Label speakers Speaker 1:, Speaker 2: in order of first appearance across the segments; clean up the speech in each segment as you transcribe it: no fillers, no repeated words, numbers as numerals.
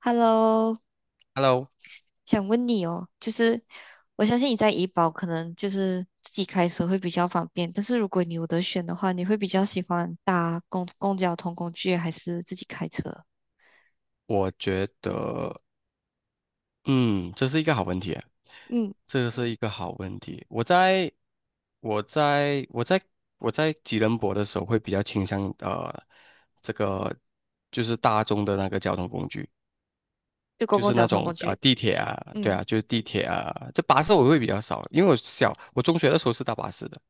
Speaker 1: Hello，
Speaker 2: Hello，
Speaker 1: 想问你哦，就是我相信你在怡保可能就是自己开车会比较方便，但是如果你有得选的话，你会比较喜欢搭公公交通工具还是自己开车？
Speaker 2: 我觉得，嗯，这是一个好问题，
Speaker 1: 嗯
Speaker 2: 这是一个好问题。我在，我在，我在吉隆坡的时候，会比较倾向这个就是大众的那个交通工具。
Speaker 1: 就公
Speaker 2: 就
Speaker 1: 共
Speaker 2: 是
Speaker 1: 交
Speaker 2: 那
Speaker 1: 通
Speaker 2: 种
Speaker 1: 工具。
Speaker 2: 地铁啊，对
Speaker 1: 嗯。
Speaker 2: 啊，就是地铁啊，这巴士我会比较少，因为我中学的时候是搭巴士的，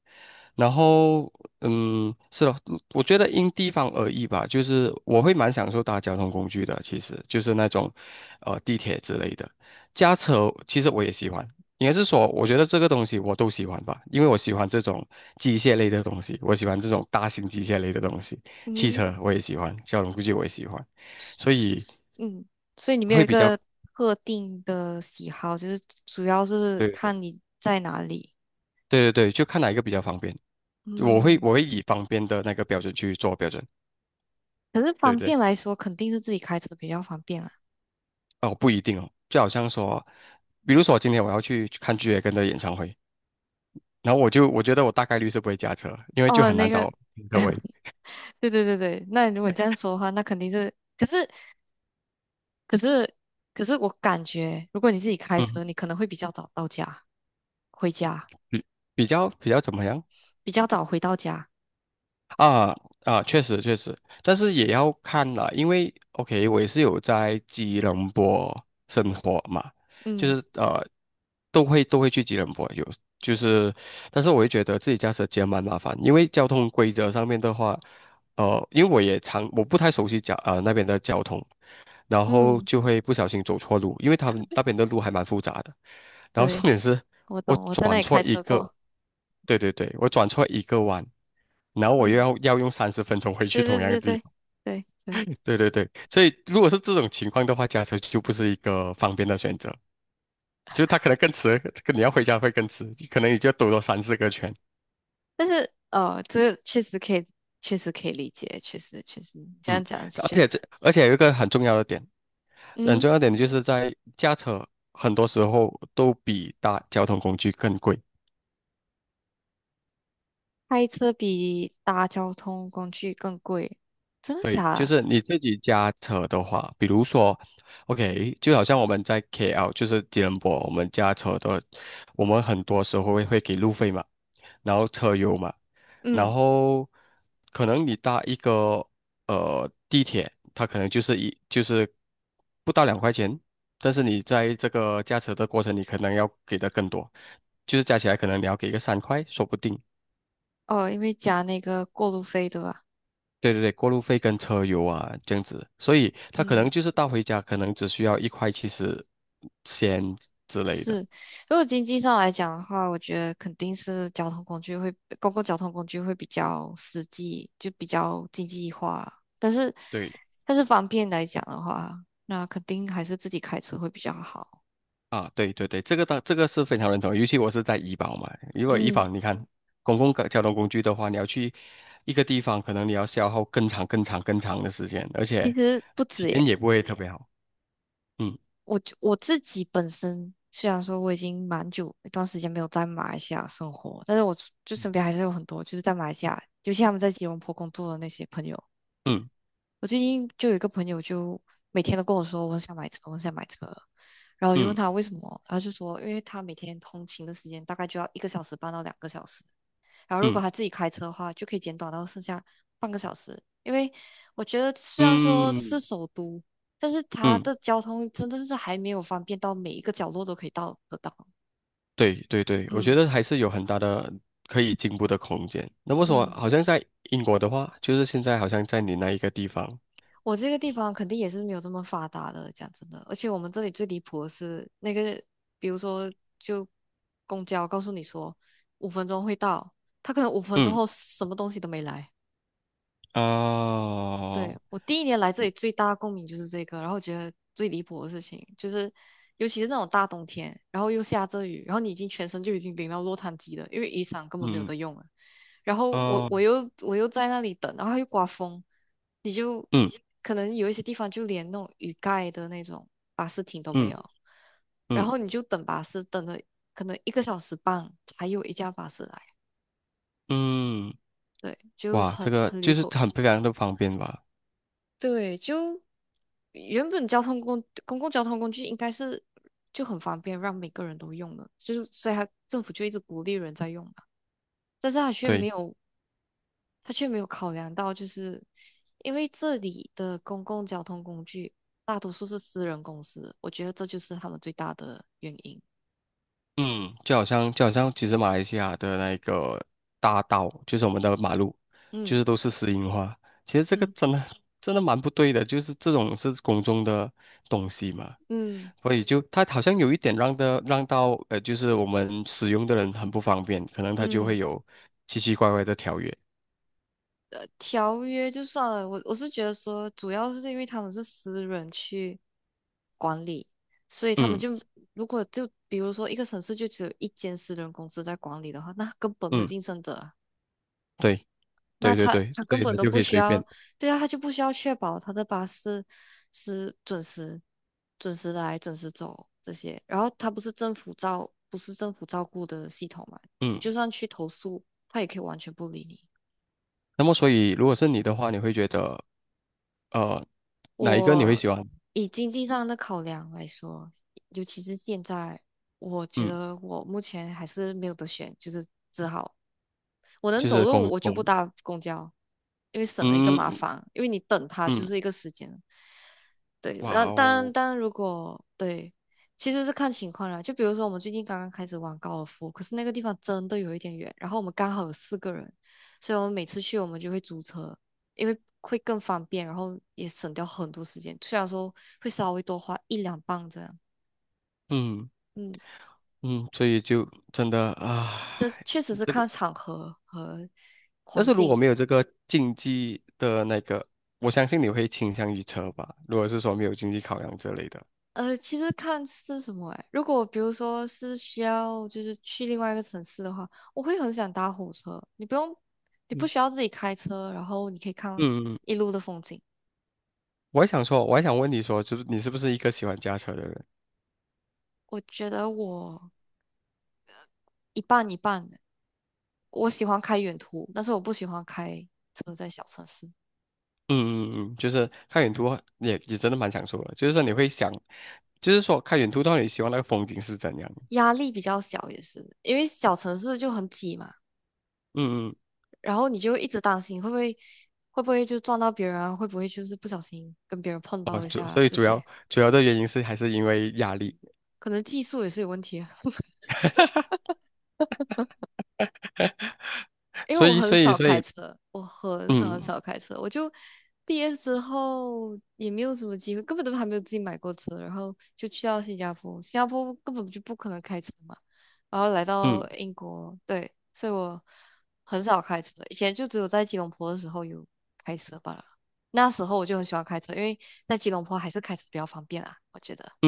Speaker 2: 然后嗯是的，我觉得因地方而异吧，就是我会蛮享受搭交通工具的，其实就是那种地铁之类的，驾车其实我也喜欢，应该是说我觉得这个东西我都喜欢吧，因为我喜欢这种机械类的东西，我喜欢这种大型机械类的东西，汽
Speaker 1: 嗯
Speaker 2: 车我也喜欢，交通估计我也喜欢，所以
Speaker 1: 嗯。所以你没有
Speaker 2: 会
Speaker 1: 一
Speaker 2: 比较。
Speaker 1: 个特定的喜好，就是主要是
Speaker 2: 对。
Speaker 1: 看你在哪里。
Speaker 2: 对对对，就看哪一个比较方便。我会
Speaker 1: 嗯。
Speaker 2: 我会以方便的那个标准去做标准。
Speaker 1: 可是
Speaker 2: 对
Speaker 1: 方
Speaker 2: 对，
Speaker 1: 便来说，肯定是自己开车比较方便啊。
Speaker 2: 哦，不一定哦，就好像说，比如说今天我要去看 g 野根的演唱会，然后我觉得我大概率是不会驾车，因为就
Speaker 1: 哦，
Speaker 2: 很
Speaker 1: 那
Speaker 2: 难
Speaker 1: 个
Speaker 2: 找停车位。
Speaker 1: 对对对对，那如果你这样说的话，那肯定是，可是可是我感觉，如果你自己开
Speaker 2: 嗯，
Speaker 1: 车，你可能会比较早到家，回家
Speaker 2: 比比较怎么样？
Speaker 1: 比较早回到家。
Speaker 2: 啊啊，确实确实，但是也要看啦，因为 OK，我也是有在吉隆坡生活嘛，就
Speaker 1: 嗯
Speaker 2: 是呃，都会去吉隆坡有，就是，但是我会觉得自己驾车其实蛮麻烦，因为交通规则上面的话，呃，因为我也常我不太熟悉那边的交通，然后
Speaker 1: 嗯。
Speaker 2: 就会不小心走错路，因为他们那边的路还蛮复杂的，然后重
Speaker 1: 对，
Speaker 2: 点是。
Speaker 1: 我
Speaker 2: 我
Speaker 1: 懂，我在那
Speaker 2: 转
Speaker 1: 里
Speaker 2: 错
Speaker 1: 开
Speaker 2: 一
Speaker 1: 车
Speaker 2: 个，
Speaker 1: 过。
Speaker 2: 对对对，我转错一个弯，然后我又
Speaker 1: 嗯。
Speaker 2: 要用30分钟回去
Speaker 1: 对对
Speaker 2: 同样的
Speaker 1: 对
Speaker 2: 地
Speaker 1: 对
Speaker 2: 方。
Speaker 1: 对对。
Speaker 2: 对对对，所以如果是这种情况的话，驾车就不是一个方便的选择，就是它可能更迟，跟你要回家会更迟，可能你就要兜多三四个圈。
Speaker 1: 但是这个确实可以，确实可以理解，确实你这样讲确实是。
Speaker 2: 而且有一个很重要的点，很
Speaker 1: 嗯。
Speaker 2: 重要的点就是在驾车很多时候都比搭交通工具更贵。
Speaker 1: 开车比搭交通工具更贵，真的假
Speaker 2: 对，就
Speaker 1: 的？
Speaker 2: 是你自己驾车的话，比如说，OK，就好像我们在 KL，就是吉隆坡，我们驾车的，我们很多时候会给路费嘛，然后车油嘛，
Speaker 1: 嗯。
Speaker 2: 然后可能你搭一个地铁，它可能就是一就是不到2块钱，但是你在这个驾车的过程，你可能要给的更多，就是加起来可能你要给个3块，说不定。
Speaker 1: 哦，因为加那个过路费，对吧？
Speaker 2: 对对对，过路费跟车油啊，这样子，所以他可
Speaker 1: 嗯。
Speaker 2: 能就是到回家，可能只需要1块70先之类
Speaker 1: 是，
Speaker 2: 的。
Speaker 1: 如果经济上来讲的话，我觉得肯定是交通工具会，公共交通工具会比较实际，就比较经济化。但是，
Speaker 2: 对
Speaker 1: 但是方便来讲的话，那肯定还是自己开车会比较好。
Speaker 2: 啊，对对对，这个当这个是非常认同，尤其我是在怡保嘛，如果怡
Speaker 1: 嗯。
Speaker 2: 保你看公共交通工具的话，你要去一个地方，可能你要消耗更长、更长、更长的时间，而
Speaker 1: 其
Speaker 2: 且
Speaker 1: 实不
Speaker 2: 体
Speaker 1: 止
Speaker 2: 验
Speaker 1: 耶，
Speaker 2: 也不会特别好。
Speaker 1: 我就我自己本身虽然说我已经蛮久一段时间没有在马来西亚生活，但是我就身边还是有很多就是在马来西亚，尤其他们在吉隆坡工作的那些朋友。
Speaker 2: 嗯
Speaker 1: 我最近就有一个朋友，就每天都跟我说我很想买车，我很想买车。然后我就问
Speaker 2: 嗯
Speaker 1: 他为什么，然后就说因为他每天通勤的时间大概就要一个小时半到两个小时，然后如果
Speaker 2: 嗯
Speaker 1: 他自己开车的话，就可以减短到剩下半个小时。因为我觉得虽然说
Speaker 2: 嗯嗯
Speaker 1: 是
Speaker 2: 嗯
Speaker 1: 首都，但是它
Speaker 2: 嗯，
Speaker 1: 的交通真的是还没有方便到每一个角落都可以到得到。
Speaker 2: 对对对，我觉
Speaker 1: 嗯
Speaker 2: 得还是有很大的可以进步的空间。那么说，
Speaker 1: 嗯。
Speaker 2: 好像在英国的话，就是现在好像在你那一个地方，
Speaker 1: 我这个地方肯定也是没有这么发达的，讲真的。而且我们这里最离谱的是那个，比如说就公交告诉你说五分钟会到，他可能五分钟
Speaker 2: 嗯
Speaker 1: 后什么东西都没来。对，
Speaker 2: 啊，
Speaker 1: 我第一年来这里最大的共鸣就是这个，然后我觉得最离谱的事情就是，尤其是那种大冬天，然后又下着雨，然后你已经全身就已经淋到落汤鸡了，因为雨伞根本没有
Speaker 2: 嗯
Speaker 1: 得用了。然后我
Speaker 2: 啊，
Speaker 1: 我又我又在那里等，然后又刮风，你就
Speaker 2: 嗯
Speaker 1: 可能有一些地方就连那种雨盖的那种巴士停都没
Speaker 2: 嗯
Speaker 1: 有，然
Speaker 2: 嗯
Speaker 1: 后你就等巴士，等了可能一个小时半才有一架巴士来。
Speaker 2: 嗯，
Speaker 1: 对，就
Speaker 2: 哇，这
Speaker 1: 很
Speaker 2: 个
Speaker 1: 很离
Speaker 2: 就是
Speaker 1: 谱。
Speaker 2: 很非常的方便吧？
Speaker 1: 对，就原本交通工公共交通工具应该是就很方便，让每个人都用的，就是所以他政府就一直鼓励人在用嘛。但是他却没
Speaker 2: 对。
Speaker 1: 有，他却没有考量到，就是因为这里的公共交通工具大多数是私人公司，我觉得这就是他们最大的原因。
Speaker 2: 嗯，就好像就好像其实马来西亚的那个大道，就是我们的马路，就
Speaker 1: 嗯
Speaker 2: 是都是石英花。其实这个
Speaker 1: 嗯
Speaker 2: 真的真的蛮不对的，就是这种是公众的东西嘛，
Speaker 1: 嗯
Speaker 2: 所以就它好像有一点让的让到，就是我们使用的人很不方便，可能它就会
Speaker 1: 嗯。
Speaker 2: 有奇奇怪怪的条约。
Speaker 1: 条约就算了，我是觉得说，主要是因为他们是私人去管理，所以他们
Speaker 2: 嗯
Speaker 1: 就如果就比如说一个城市就只有一间私人公司在管理的话，那根本没有
Speaker 2: 嗯，
Speaker 1: 竞争者啊，
Speaker 2: 对
Speaker 1: 那
Speaker 2: 对对
Speaker 1: 他
Speaker 2: 对，
Speaker 1: 他
Speaker 2: 所
Speaker 1: 根
Speaker 2: 以
Speaker 1: 本
Speaker 2: 它
Speaker 1: 都
Speaker 2: 就可
Speaker 1: 不
Speaker 2: 以
Speaker 1: 需
Speaker 2: 随便。
Speaker 1: 要。对啊，他就不需要确保他的巴士是准时、准时来、准时走这些，然后他不是政府照顾的系统嘛，你
Speaker 2: 嗯，
Speaker 1: 就算去投诉，他也可以完全不理你。
Speaker 2: 那么所以如果是你的话，你会觉得呃哪一个你会
Speaker 1: 我
Speaker 2: 喜欢？
Speaker 1: 以经济上的考量来说，尤其是现在，我觉
Speaker 2: 嗯，
Speaker 1: 得我目前还是没有得选，就是只好我能
Speaker 2: 就
Speaker 1: 走
Speaker 2: 是
Speaker 1: 路，
Speaker 2: 公
Speaker 1: 我就
Speaker 2: 公。
Speaker 1: 不搭公交，因为省了一个麻
Speaker 2: 嗯，
Speaker 1: 烦，因为你等它就
Speaker 2: 嗯，
Speaker 1: 是一个时间。对，那
Speaker 2: 哇
Speaker 1: 当然，
Speaker 2: 哦，
Speaker 1: 当然，如果对，其实是看情况啦。就比如说，我们最近刚刚开始玩高尔夫，可是那个地方真的有一点远，然后我们刚好有四个人，所以我们每次去我们就会租车，因为会更方便，然后也省掉很多时间。虽然说会稍微多花一两磅这样。
Speaker 2: 嗯
Speaker 1: 嗯。
Speaker 2: 嗯，所以就真的啊，
Speaker 1: 这确实是
Speaker 2: 这个，
Speaker 1: 看场合和
Speaker 2: 但
Speaker 1: 环
Speaker 2: 是如果
Speaker 1: 境。
Speaker 2: 没有这个竞技的那个，我相信你会倾向于车吧？如果是说没有经济考量之类的，
Speaker 1: 其实看是什么哎。如果比如说是需要就是去另外一个城市的话，我会很想搭火车。你不用，你不
Speaker 2: 嗯
Speaker 1: 需要自己开车，然后你可以看
Speaker 2: 嗯嗯，
Speaker 1: 一路的风景。
Speaker 2: 我还想说，我还想问你说，就是你是不是一个喜欢驾车的人？
Speaker 1: 我觉得我一半一半的，我喜欢开远途，但是我不喜欢开车在小城市，
Speaker 2: 嗯嗯嗯，就是看远途也也真的蛮享受的，就是说你会想，就是说看远途到底希望那个风景是怎样？
Speaker 1: 压力比较小也是，因为小城市就很挤嘛，
Speaker 2: 嗯嗯，
Speaker 1: 然后你就一直担心会不会就撞到别人啊，会不会就是不小心跟别人碰
Speaker 2: 哦，
Speaker 1: 到一
Speaker 2: 主
Speaker 1: 下
Speaker 2: 所以
Speaker 1: 这
Speaker 2: 主
Speaker 1: 些，
Speaker 2: 要主要的原因是还是因为压力，
Speaker 1: 可能技术也是有问题。啊。因为
Speaker 2: 所
Speaker 1: 我
Speaker 2: 以
Speaker 1: 很
Speaker 2: 所以
Speaker 1: 少
Speaker 2: 所
Speaker 1: 开
Speaker 2: 以，
Speaker 1: 车，我很少很
Speaker 2: 嗯，
Speaker 1: 少开车，我就毕业之后也没有什么机会，根本都还没有自己买过车，然后就去到新加坡，新加坡根本就不可能开车嘛，然后来到
Speaker 2: 嗯
Speaker 1: 英国，对，所以我很少开车，以前就只有在吉隆坡的时候有开车罢了，那时候我就很喜欢开车，因为在吉隆坡还是开车比较方便啊，我觉得。
Speaker 2: 嗯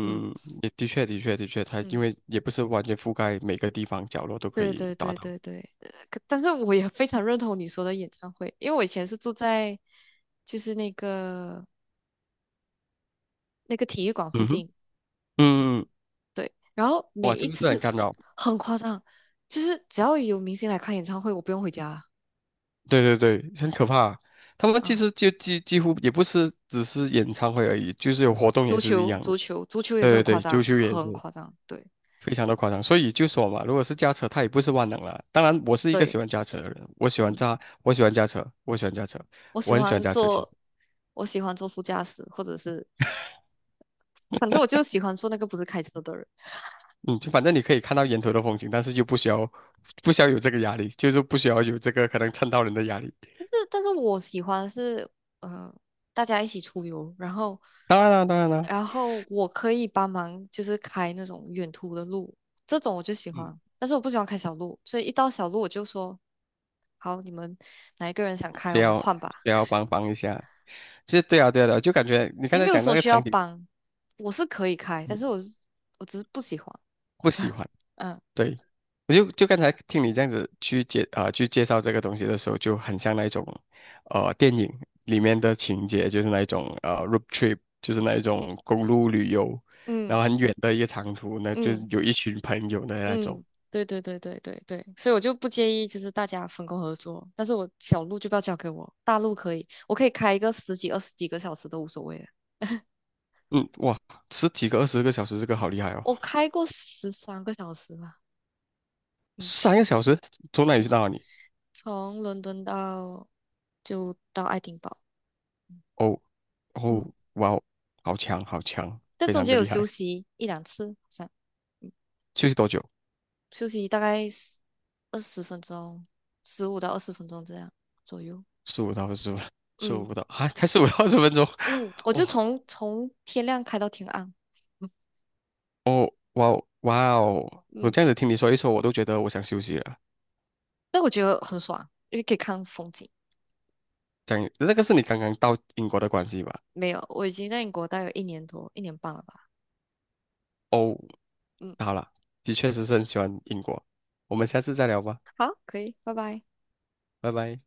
Speaker 1: 嗯
Speaker 2: 嗯嗯嗯，嗯也的确的确的确，它因
Speaker 1: 嗯。
Speaker 2: 为也不是完全覆盖每个地方角落都可
Speaker 1: 对
Speaker 2: 以
Speaker 1: 对
Speaker 2: 达
Speaker 1: 对
Speaker 2: 到。
Speaker 1: 对对。但是我也非常认同你说的演唱会，因为我以前是住在就是那个体育馆附
Speaker 2: 嗯哼，
Speaker 1: 近。
Speaker 2: 嗯，嗯嗯
Speaker 1: 对，然后每
Speaker 2: 哇，这
Speaker 1: 一
Speaker 2: 个是很
Speaker 1: 次
Speaker 2: 干扰，
Speaker 1: 很夸张，就是只要有明星来看演唱会，我不用回家
Speaker 2: 对对对，很可怕。他们其
Speaker 1: 啊。
Speaker 2: 实就几乎也不是只是演唱会而已，就是有活动也
Speaker 1: 足
Speaker 2: 是一
Speaker 1: 球，
Speaker 2: 样
Speaker 1: 足
Speaker 2: 的。
Speaker 1: 球，足球也
Speaker 2: 对
Speaker 1: 是很
Speaker 2: 对
Speaker 1: 夸
Speaker 2: 对，啾
Speaker 1: 张，
Speaker 2: 啾也
Speaker 1: 很
Speaker 2: 是
Speaker 1: 夸张，对
Speaker 2: 非常的夸张。所以就说嘛，如果是驾车，它也不是万能了。当然，我是一个喜
Speaker 1: 对。
Speaker 2: 欢驾车的人，
Speaker 1: 嗯。
Speaker 2: 我喜欢驾车，我喜欢驾车，
Speaker 1: 我
Speaker 2: 我
Speaker 1: 喜
Speaker 2: 很喜欢
Speaker 1: 欢
Speaker 2: 驾车。
Speaker 1: 坐，我喜欢坐副驾驶，或者是反正我就喜欢坐那个不是开车的人。
Speaker 2: 嗯，就反正你可以看到沿途的风景，但是就不需要不需要有这个压力，就是不需要有这个可能蹭到人的压力。
Speaker 1: 但是我喜欢的是，嗯、大家一起出游，然后，
Speaker 2: 当然啦，当然啦，
Speaker 1: 然后我可以帮忙，就是开那种远途的路，这种我就喜
Speaker 2: 嗯，
Speaker 1: 欢。但是我不喜欢开小路，所以一到小路我就说，好，你们哪一个人想开，
Speaker 2: 也
Speaker 1: 我们
Speaker 2: 要
Speaker 1: 换吧。
Speaker 2: 也要帮帮一下，其实对啊对啊对啊，就感觉你刚
Speaker 1: 也
Speaker 2: 才
Speaker 1: 没有
Speaker 2: 讲那
Speaker 1: 说
Speaker 2: 个
Speaker 1: 需要
Speaker 2: 场景，
Speaker 1: 帮，我是可以开，但
Speaker 2: 嗯，
Speaker 1: 是我只是不喜欢。
Speaker 2: 不喜欢。
Speaker 1: 嗯
Speaker 2: 对，我刚才听你这样子去去介绍这个东西的时候，就很像那种电影里面的情节，就是那一种road trip，就是那一种公路旅游，
Speaker 1: 嗯
Speaker 2: 然后很远的一个长途，那就
Speaker 1: 嗯。
Speaker 2: 是有一群朋友的那种。
Speaker 1: 嗯。对对对对对对，所以我就不介意，就是大家分工合作，但是我小路就不要交给我，大路可以，我可以开一个十几、二十几个小时都无所谓的。
Speaker 2: 嗯，哇，十几个、20个小时，这个好厉害哦！
Speaker 1: 我开过13个小时吧。嗯
Speaker 2: 3个小时从哪里
Speaker 1: 嗯。
Speaker 2: 到哪里？
Speaker 1: 从伦敦到就到爱丁堡。
Speaker 2: 哦，
Speaker 1: 嗯。
Speaker 2: 哦，哇哦，好强，好强，
Speaker 1: 但
Speaker 2: 非
Speaker 1: 中
Speaker 2: 常
Speaker 1: 间
Speaker 2: 的
Speaker 1: 有
Speaker 2: 厉
Speaker 1: 休
Speaker 2: 害。
Speaker 1: 息一两次，好像嗯，
Speaker 2: 休息多久？
Speaker 1: 休息大概二十分钟，15到20分钟这样左右。
Speaker 2: 十五到二十分，十五
Speaker 1: 嗯
Speaker 2: 不到啊，才15到20分钟。
Speaker 1: 嗯。我
Speaker 2: 哦，
Speaker 1: 就从天亮开到天暗。嗯
Speaker 2: 哦，哇哦，哇哦！我
Speaker 1: 嗯。
Speaker 2: 这样子听你说一说，我都觉得我想休息了。
Speaker 1: 但我觉得很爽，因为可以看风景。
Speaker 2: 讲那个是你刚刚到英国的关系吧？
Speaker 1: 没有，我已经在英国待有一年多，一年半了吧。
Speaker 2: 哦，
Speaker 1: 嗯。
Speaker 2: 好了，的确是很喜欢英国。我们下次再聊吧，
Speaker 1: 好，可以，拜拜。
Speaker 2: 拜拜。